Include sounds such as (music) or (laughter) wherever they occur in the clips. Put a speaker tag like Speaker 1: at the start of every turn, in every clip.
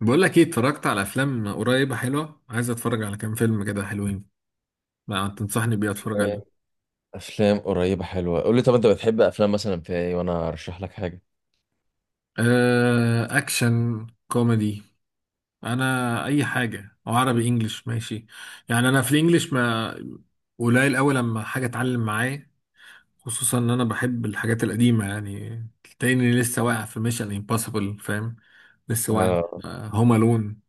Speaker 1: بقول لك ايه، اتفرجت على افلام قريبه حلوه. عايز اتفرج على كام فيلم كده حلوين. ما تنصحني بيه اتفرج عليه؟
Speaker 2: افلام قريبه حلوه، قول لي طب انت بتحب افلام مثلا في ايه وانا ارشح لك حاجه.
Speaker 1: آه، اكشن كوميدي. انا اي حاجه، او عربي انجليش ماشي. يعني انا في الانجليش ما قليل قوي، لما حاجه اتعلم معايا. خصوصا ان انا بحب الحاجات القديمه، يعني تلاقيني لسه واقع في ميشن امبوسيبل، فاهم؟ لسه واقع.
Speaker 2: اه،
Speaker 1: هوم الون.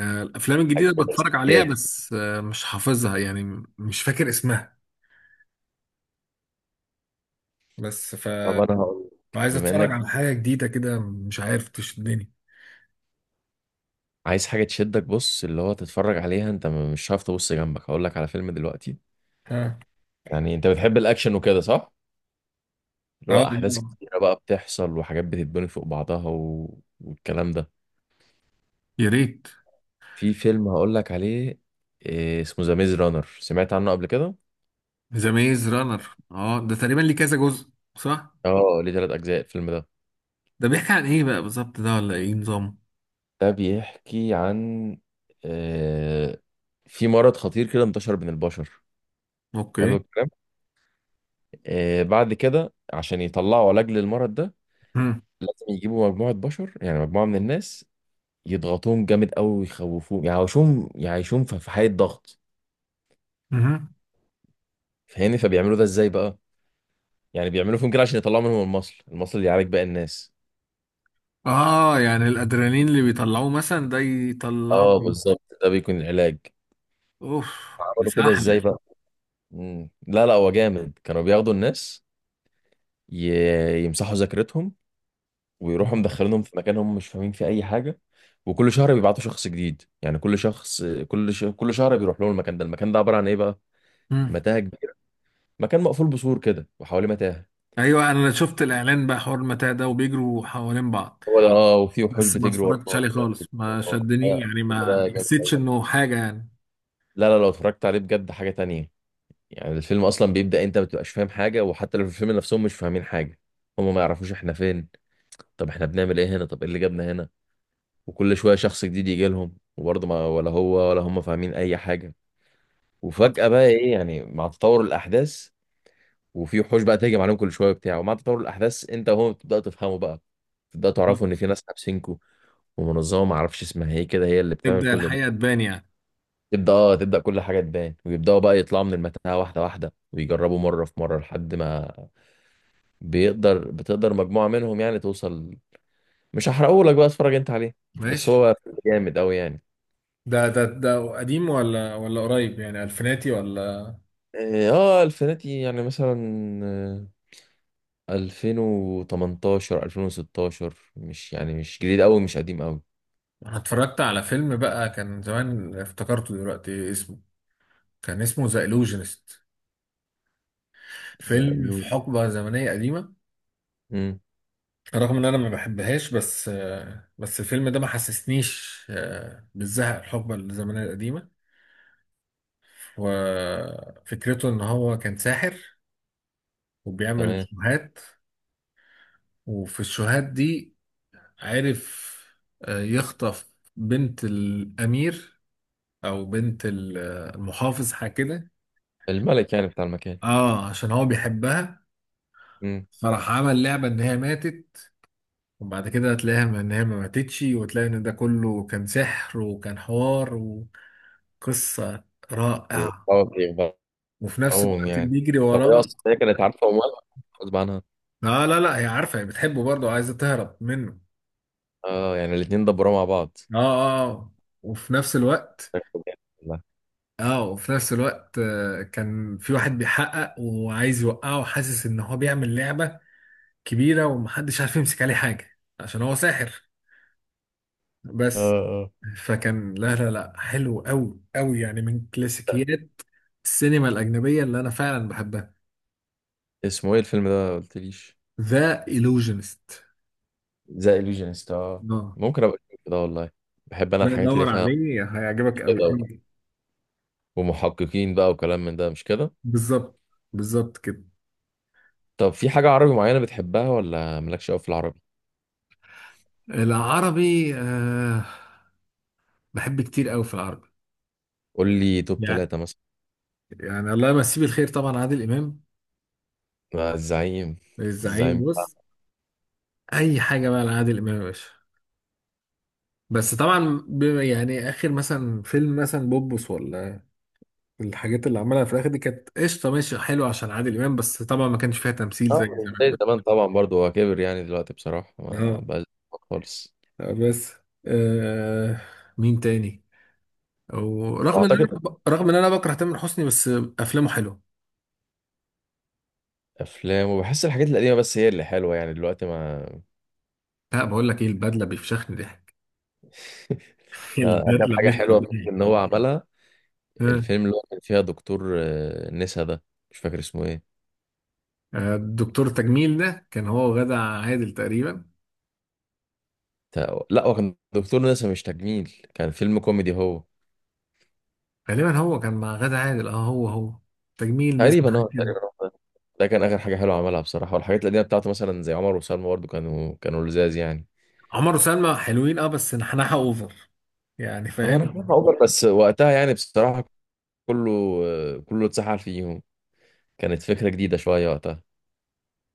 Speaker 1: الافلام
Speaker 2: حاجه
Speaker 1: الجديده بتفرج عليها،
Speaker 2: اساسيات.
Speaker 1: بس مش حافظها، يعني مش فاكر اسمها. بس.
Speaker 2: طب انا هقول لك
Speaker 1: عايز
Speaker 2: بما
Speaker 1: اتفرج
Speaker 2: انك
Speaker 1: على حاجه جديده كده، مش عارف تشدني.
Speaker 2: عايز حاجه تشدك، بص اللي هو تتفرج عليها انت مش هتعرف تبص جنبك. هقول لك على فيلم دلوقتي.
Speaker 1: ها.
Speaker 2: يعني انت بتحب الاكشن وكده، صح؟ اللي
Speaker 1: اه،
Speaker 2: هو احداث
Speaker 1: آه.
Speaker 2: كتيره بقى بتحصل وحاجات بتتبني فوق بعضها والكلام ده.
Speaker 1: يا ريت.
Speaker 2: في فيلم هقول لك عليه، إيه اسمه؟ ذا ميز رانر، سمعت عنه قبل كده؟
Speaker 1: ذا ميز رانر، اه، ده تقريبا ليه كذا جزء، صح؟
Speaker 2: اه، ليه ثلاث اجزاء الفيلم ده.
Speaker 1: ده بيحكي عن ايه بقى بالظبط؟ ده ولا ايه نظام؟
Speaker 2: ده بيحكي عن آه، في مرض خطير كده انتشر بين البشر. حلو
Speaker 1: اوكي.
Speaker 2: الكلام. بعد كده عشان يطلعوا علاج للمرض ده
Speaker 1: مم.
Speaker 2: لازم يجيبوا مجموعة بشر، يعني مجموعة من الناس يضغطوهم جامد قوي ويخوفوهم، يعيشوهم في حالة ضغط.
Speaker 1: مهم.
Speaker 2: فاهمني؟ فبيعملوا ده ازاي بقى؟ يعني بيعملوا فيهم كده عشان يطلعوا منهم المصل، المصل اللي يعالج باقي الناس.
Speaker 1: اه، يعني الادرينالين اللي بيطلعوه مثلا ده يطلعه.
Speaker 2: اه بالظبط، ده بيكون العلاج.
Speaker 1: اوف. ده
Speaker 2: عملوا كده ازاي
Speaker 1: سحله.
Speaker 2: بقى؟ مم. لا لا، هو جامد. كانوا بياخدوا الناس، يمسحوا ذاكرتهم ويروحوا مدخلينهم في مكان هم مش فاهمين فيه اي حاجه. وكل شهر بيبعتوا شخص جديد، يعني كل شخص كل شهر بيروح لهم. المكان ده، المكان ده عباره عن ايه بقى؟
Speaker 1: مم.
Speaker 2: متاهه كبيره. مكان مقفول بسور كده وحواليه متاهه.
Speaker 1: ايوه، انا شفت الاعلان بقى حوار المتاع ده، وبيجروا حوالين بعض.
Speaker 2: هو ده، اه، وفي وحوش
Speaker 1: بس ما
Speaker 2: بتجري
Speaker 1: اتفرجتش
Speaker 2: وراهم
Speaker 1: عليه
Speaker 2: وناس بتجري
Speaker 1: خالص، ما
Speaker 2: وراهم.
Speaker 1: شدني، يعني
Speaker 2: الفيلم
Speaker 1: ما
Speaker 2: ده جامد
Speaker 1: حسيتش
Speaker 2: أوي.
Speaker 1: انه حاجه.
Speaker 2: لا لا، لو اتفرجت عليه بجد حاجه تانية. يعني الفيلم اصلا بيبدا انت ما بتبقاش فاهم حاجه، وحتى لو في الفيلم نفسهم مش فاهمين حاجه. هم ما يعرفوش احنا فين، طب احنا بنعمل ايه هنا؟ طب ايه اللي جابنا هنا؟ وكل شويه شخص جديد يجي لهم وبرضه ما ولا هو ولا هم فاهمين اي حاجه.
Speaker 1: يعني
Speaker 2: وفجأة بقى ايه؟ يعني مع تطور الأحداث وفي وحوش بقى تهجم عليهم كل شوية وبتاع، ومع تطور الأحداث أنت وهو بتبدأ تفهموا بقى، تبدأ تعرفوا إن في ناس حابسينكوا، ومنظمة معرفش اسمها ايه كده هي اللي بتعمل
Speaker 1: تبدأ
Speaker 2: كل ده.
Speaker 1: الحقيقة تبان، يعني.
Speaker 2: تبدأ، اه، تبدأ كل حاجة تبان، ويبدأوا بقى يطلعوا من المتاهة واحدة واحدة، ويجربوا مرة في مرة لحد ما بيقدر، بتقدر مجموعة منهم يعني توصل. مش هحرقه لك بقى، اتفرج أنت عليه. بس
Speaker 1: ماشي.
Speaker 2: هو جامد أوي يعني.
Speaker 1: ده قديم ولا قريب، يعني ألفيناتي، ولا؟
Speaker 2: اه، الفناتي يعني مثلا. آه، 2018 2016، مش يعني مش جديد قوي مش قديم قوي.
Speaker 1: أنا اتفرجت على فيلم بقى كان زمان، افتكرته دلوقتي، اسمه كان اسمه ذا إلوجينست. فيلم في
Speaker 2: زعلوك.
Speaker 1: حقبة زمنية قديمة.
Speaker 2: امم.
Speaker 1: رغم إن أنا ما بحبهاش، بس الفيلم ده ما حسسنيش بالزهق الحقبة الزمنية القديمة. وفكرته إن هو كان ساحر، وبيعمل
Speaker 2: تمام.
Speaker 1: شوهات. وفي الشوهات دي عرف يخطف بنت الأمير، أو بنت المحافظ، حاجة كده.
Speaker 2: الملك يعني بتاع المكان.
Speaker 1: اه، عشان هو بيحبها.
Speaker 2: امم.
Speaker 1: فراح عمل لعبة إن هي ماتت، وبعد كده هتلاقيها إن هي ما ماتتش، وتلاقي إن ده كله كان سحر وكان حوار، وقصة رائعة.
Speaker 2: بيخبعوهم
Speaker 1: وفي نفس الوقت
Speaker 2: يعني.
Speaker 1: بيجري
Speaker 2: طب هي
Speaker 1: وراه.
Speaker 2: اصلا هي كانت عارفه ومالها، غصب عنها؟
Speaker 1: اه، لا، لا، هي عارفة، هي بتحبه برضه وعايزة تهرب منه.
Speaker 2: اه، يعني الاتنين دبروا مع بعض.
Speaker 1: اه، اه، آه. وفي نفس الوقت
Speaker 2: والله.
Speaker 1: كان في واحد بيحقق، وعايز يوقعه، وحاسس ان هو بيعمل لعبة كبيرة ومحدش عارف يمسك عليه حاجة عشان هو ساحر،
Speaker 2: اه
Speaker 1: بس.
Speaker 2: اه.
Speaker 1: فكان لا، لا، لا، حلو قوي قوي، يعني من كلاسيكيات السينما الأجنبية اللي أنا فعلا بحبها.
Speaker 2: اسمه ايه الفيلم ده؟ ما قلتليش.
Speaker 1: ذا إيلوجينست.
Speaker 2: ذا illusionist، اه.
Speaker 1: اه.
Speaker 2: ممكن ابقى اشوف ده والله. بحب انا
Speaker 1: لا،
Speaker 2: الحاجات اللي
Speaker 1: دور
Speaker 2: فيها
Speaker 1: عليه، هيعجبك قوي
Speaker 2: كده،
Speaker 1: قوي.
Speaker 2: ومحققين بقى وكلام من ده، مش كده؟
Speaker 1: بالظبط. بالظبط كده.
Speaker 2: طب في حاجه عربي معينه بتحبها ولا مالكش قوي في العربي؟
Speaker 1: العربي، آه، بحب كتير قوي في العربي.
Speaker 2: قول لي توب
Speaker 1: يعني
Speaker 2: ثلاثة مثلا.
Speaker 1: يعني الله يمسيه بالخير، طبعا عادل إمام.
Speaker 2: مع الزعيم.
Speaker 1: الزعيم،
Speaker 2: الزعيم
Speaker 1: بص.
Speaker 2: بتاع.
Speaker 1: اي حاجه بقى لعادل امام يا باشا. بس طبعا يعني اخر مثلا فيلم مثلا بوبس، ولا الحاجات اللي عملها في الاخر دي، كانت قشطه ماشي حلوه عشان عادل امام، بس طبعا ما كانش فيها تمثيل زي
Speaker 2: من
Speaker 1: زمان،
Speaker 2: زي
Speaker 1: بس.
Speaker 2: زمان طبعا برضو، هو كبر يعني دلوقتي بصراحة، ما
Speaker 1: اه.
Speaker 2: بقاش خالص.
Speaker 1: بس. آه. مين تاني؟ او
Speaker 2: واعتقد
Speaker 1: رغم ان انا بكره تامر حسني، بس افلامه حلوه.
Speaker 2: افلام، وبحس الحاجات القديمة بس هي اللي حلوة، يعني دلوقتي ما.
Speaker 1: لا، بقول لك ايه، البدله بيفشخني ضحك.
Speaker 2: (laughs)
Speaker 1: (laughs)
Speaker 2: يعني اخر
Speaker 1: البدله
Speaker 2: حاجة
Speaker 1: مش
Speaker 2: حلوة
Speaker 1: طبيعي.
Speaker 2: ان هو عملها
Speaker 1: ها؟
Speaker 2: الفيلم اللي هو كان فيها دكتور، نسا ده، مش فاكر اسمه ايه.
Speaker 1: الدكتور تجميل ده كان هو وغادة عادل تقريبا.
Speaker 2: لا هو كان دكتور نسا مش تجميل، كان فيلم كوميدي هو.
Speaker 1: غالبا هو كان مع غادة عادل، اه، هو هو، تجميل نسمة
Speaker 2: تقريبا،
Speaker 1: حاجة
Speaker 2: اه،
Speaker 1: كده.
Speaker 2: تقريبا هو ده. ده كان اخر حاجة حلوة عملها بصراحة. والحاجات القديمة بتاعته مثلا زي عمر وسلمى برضو، كانوا لزاز يعني.
Speaker 1: عمر وسلمى حلوين، اه، بس نحنحة اوفر، يعني،
Speaker 2: هو انا
Speaker 1: فاهم.
Speaker 2: شايفها اوفر بس وقتها يعني بصراحه، كله كله اتسحل فيهم. كانت فكره جديده شويه وقتها.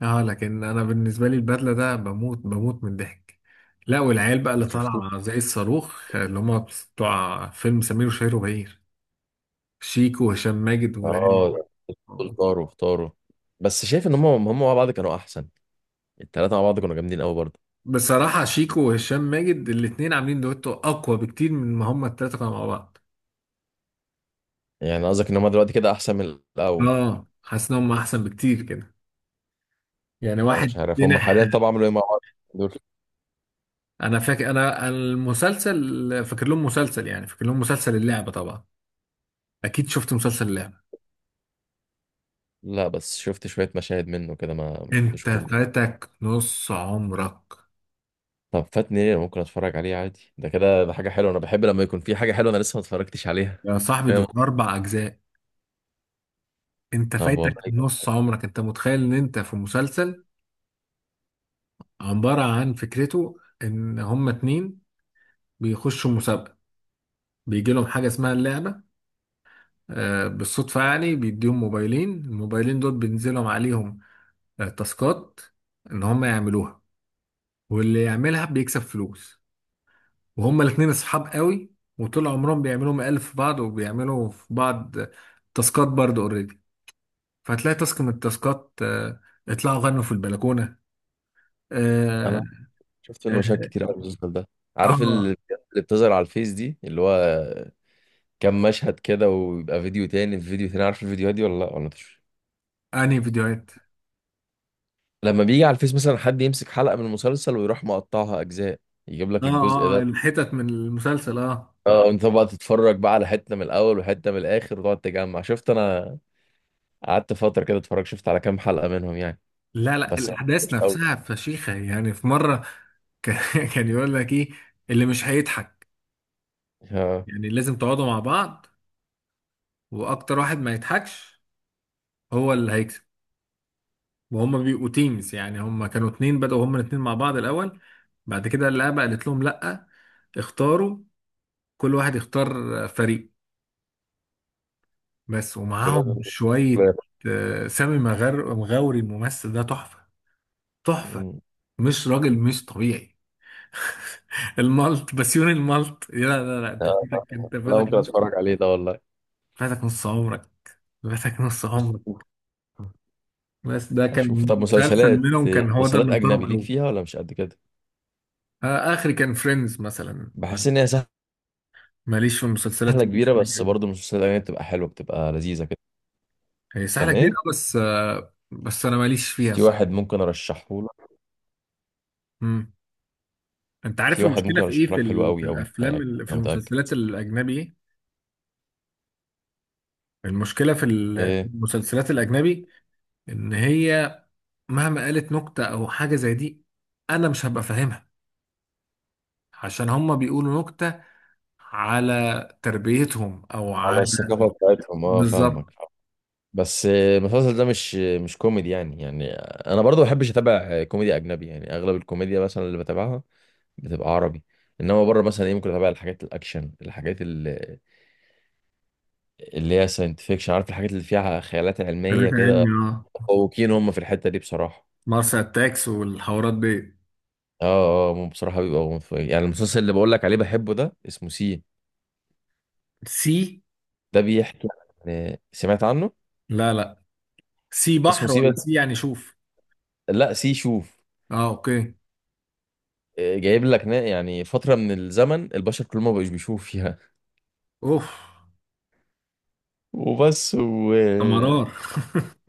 Speaker 1: اه، لكن انا بالنسبة لي البدلة ده بموت بموت من الضحك. لا، والعيال بقى اللي
Speaker 2: ما شفتوش.
Speaker 1: طالعة زي الصاروخ اللي هم بتوع فيلم سمير وشهير وبهير، شيكو وهشام ماجد والعيال.
Speaker 2: اه، دول طاروا، اختاروا. بس شايف ان هم مع بعض كانوا احسن. التلاته مع بعض كانوا جامدين قوي برضه.
Speaker 1: بصراحة شيكو وهشام ماجد الاتنين عاملين دويتو أقوى بكتير من ما هما التلاتة كانوا مع بعض.
Speaker 2: يعني قصدك ان هم دلوقتي كده احسن من الاول؟
Speaker 1: اه، حاسس إن هما أحسن بكتير كده، يعني
Speaker 2: انا مش
Speaker 1: واحد
Speaker 2: عارف هم
Speaker 1: جنح.
Speaker 2: حاليا طبعا عملوا ايه مع بعض دول.
Speaker 1: انا فاكر انا المسلسل فاكر لهم مسلسل، يعني فاكر لهم مسلسل اللعبة طبعا. اكيد شفت مسلسل اللعبة.
Speaker 2: لا، بس شفت شويه مشاهد منه كده، ما شفتوش
Speaker 1: انت
Speaker 2: كله.
Speaker 1: فاتك نص عمرك.
Speaker 2: طب فاتني ليه؟ أنا ممكن اتفرج عليه عادي، ده كده ده حاجه حلوه. انا بحب لما يكون في حاجه حلوه انا لسه ما اتفرجتش عليها.
Speaker 1: يا صاحبي،
Speaker 2: فاهم.
Speaker 1: دول 4 اجزاء. انت
Speaker 2: طب
Speaker 1: فايتك
Speaker 2: والله جامد.
Speaker 1: نص عمرك. انت متخيل ان انت في مسلسل عبارة عن، فكرته ان هما اتنين بيخشوا مسابقة، بيجي لهم حاجة اسمها اللعبة. بالصدفة، يعني بيديهم موبايلين، الموبايلين دول بينزلهم عليهم تاسكات ان هما يعملوها، واللي يعملها بيكسب فلوس. وهما الاتنين اصحاب قوي، وطول عمرهم بيعملوا مقالب في بعض، وبيعملوا في بعض تاسكات برضه اوريدي. فهتلاقي تاسك من التاسكات، اطلعوا غنوا في البلكونة. اه.
Speaker 2: انا شفت منه
Speaker 1: اه،
Speaker 2: مشاهد كتير قوي المسلسل ده. عارف
Speaker 1: آه،
Speaker 2: اللي بتظهر على الفيس دي، اللي هو كام مشهد كده ويبقى فيديو تاني في فيديو تاني؟ عارف الفيديوهات دي ولا لا، ولا مش؟
Speaker 1: انهي فيديوهات؟
Speaker 2: لما بيجي على الفيس مثلا حد يمسك حلقة من المسلسل ويروح مقطعها أجزاء، يجيب لك
Speaker 1: اه،
Speaker 2: الجزء
Speaker 1: اه، آه،
Speaker 2: ده.
Speaker 1: الحتت من المسلسل، اه.
Speaker 2: اه، انت بقى تتفرج بقى على حتة من الأول وحتة من الآخر وتقعد تجمع. شفت أنا قعدت فترة كده اتفرج، شفت على كام حلقة منهم يعني.
Speaker 1: لا، لا،
Speaker 2: بس أنا
Speaker 1: الاحداث
Speaker 2: مش قوي.
Speaker 1: نفسها فشيخة، يعني في مرة كان. (laughs) كان يقول لك ايه، اللي مش هيضحك،
Speaker 2: اه.
Speaker 1: يعني لازم تقعدوا مع بعض، واكتر واحد ما يضحكش هو اللي هيكسب. وهم بيبقوا تيمز، يعني هم كانوا اتنين بدأوا هم الاتنين مع بعض الأول، بعد كده اللعبة قالت لهم لأ، اختاروا، كل واحد يختار فريق، بس. ومعاهم
Speaker 2: ولازم-
Speaker 1: شوية سامي مغاوري. الممثل ده تحفة، تحفة، مش راجل، مش طبيعي. (laughs) المالت بسيون المالت، لا، لا، لا، انت فاتك،
Speaker 2: لا ممكن اتفرج عليه ده والله.
Speaker 1: فاتك نص عمرك، فاتك نص عمرك. بس ده
Speaker 2: اشوف.
Speaker 1: كان
Speaker 2: طب
Speaker 1: مسلسل
Speaker 2: مسلسلات،
Speaker 1: منهم، كان هو ده
Speaker 2: مسلسلات
Speaker 1: اللي محترم
Speaker 2: اجنبي ليك
Speaker 1: قوي.
Speaker 2: فيها ولا مش قد كده؟
Speaker 1: اخري كان فريندز مثلا.
Speaker 2: بحس ان هي
Speaker 1: ماليش في المسلسلات
Speaker 2: سهله كبيره بس
Speaker 1: الأجنبية،
Speaker 2: برضه المسلسلات الاجنبي بتبقى حلوه، بتبقى لذيذه كده.
Speaker 1: هي سهلة
Speaker 2: كان
Speaker 1: كبيرة،
Speaker 2: ايه؟
Speaker 1: بس أنا ماليش فيها،
Speaker 2: في
Speaker 1: صح.
Speaker 2: واحد ممكن ارشحه لك.
Speaker 1: مم. أنت عارف
Speaker 2: في واحد
Speaker 1: المشكلة
Speaker 2: ممكن
Speaker 1: في إيه؟
Speaker 2: ارشحه
Speaker 1: في,
Speaker 2: لك حلو
Speaker 1: ال... في
Speaker 2: قوي قوي،
Speaker 1: الأفلام
Speaker 2: هيعجبك
Speaker 1: ال... في
Speaker 2: انا متاكد.
Speaker 1: المسلسلات الأجنبي إيه؟ المشكلة في في
Speaker 2: ايه،
Speaker 1: المسلسلات الأجنبي إن هي مهما قالت نكتة أو حاجة زي دي، أنا مش هبقى فاهمها، عشان هما بيقولوا نكتة على تربيتهم، أو
Speaker 2: على
Speaker 1: على.
Speaker 2: الثقافه بتاعتهم، اه،
Speaker 1: بالظبط.
Speaker 2: فاهمك. بس المسلسل ده مش كوميدي يعني انا برضه ما بحبش اتابع كوميدي اجنبي، يعني اغلب الكوميديا مثلا اللي بتابعها بتبقى عربي. انما بره مثلا ايه، ممكن اتابع الحاجات الاكشن، الحاجات اللي هي ساينتفيكشن، عارف الحاجات اللي فيها خيالات علمية
Speaker 1: ثلاثة
Speaker 2: كده.
Speaker 1: علمي، أه،
Speaker 2: متفوقين هم في الحتة دي بصراحة.
Speaker 1: مارس أتاكس والحوارات دي.
Speaker 2: اه اه، هم بصراحة بيبقوا متفوقين. يعني المسلسل اللي بقول لك عليه بحبه ده اسمه سي.
Speaker 1: سي؟
Speaker 2: ده بيحكي عن، سمعت عنه؟
Speaker 1: لا، لا. سي
Speaker 2: اسمه
Speaker 1: بحر
Speaker 2: سي
Speaker 1: ولا
Speaker 2: بس.
Speaker 1: سي يعني شوف؟
Speaker 2: لا، سي شوف.
Speaker 1: اه، اوكي.
Speaker 2: جايب لك يعني فترة من الزمن البشر كلهم ما بقوش بيشوفوا فيها.
Speaker 1: اوف.
Speaker 2: (laughs) وبس
Speaker 1: ده مرار.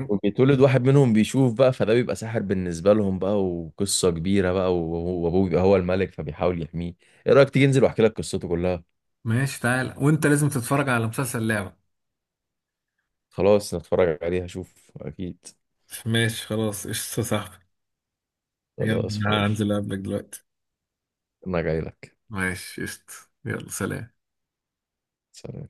Speaker 2: وبيتولد واحد منهم بيشوف بقى، فده بيبقى ساحر بالنسبة لهم بقى وقصة كبيرة بقى. وابوه بيبقى هو الملك فبيحاول يحميه. ايه رأيك تيجي انزل واحكي لك قصته كلها؟
Speaker 1: (laughs) ماشي، تعالى، وانت لازم تتفرج على مسلسل لعبة.
Speaker 2: خلاص نتفرج عليها اشوف اكيد.
Speaker 1: ماشي خلاص، قشطة يا صاحبي. يلا،
Speaker 2: خلاص فل.
Speaker 1: انا هنزل اقابلك دلوقتي.
Speaker 2: انا جاي لك.
Speaker 1: ماشي قشطة. يلا، سلام.
Speaker 2: سلام.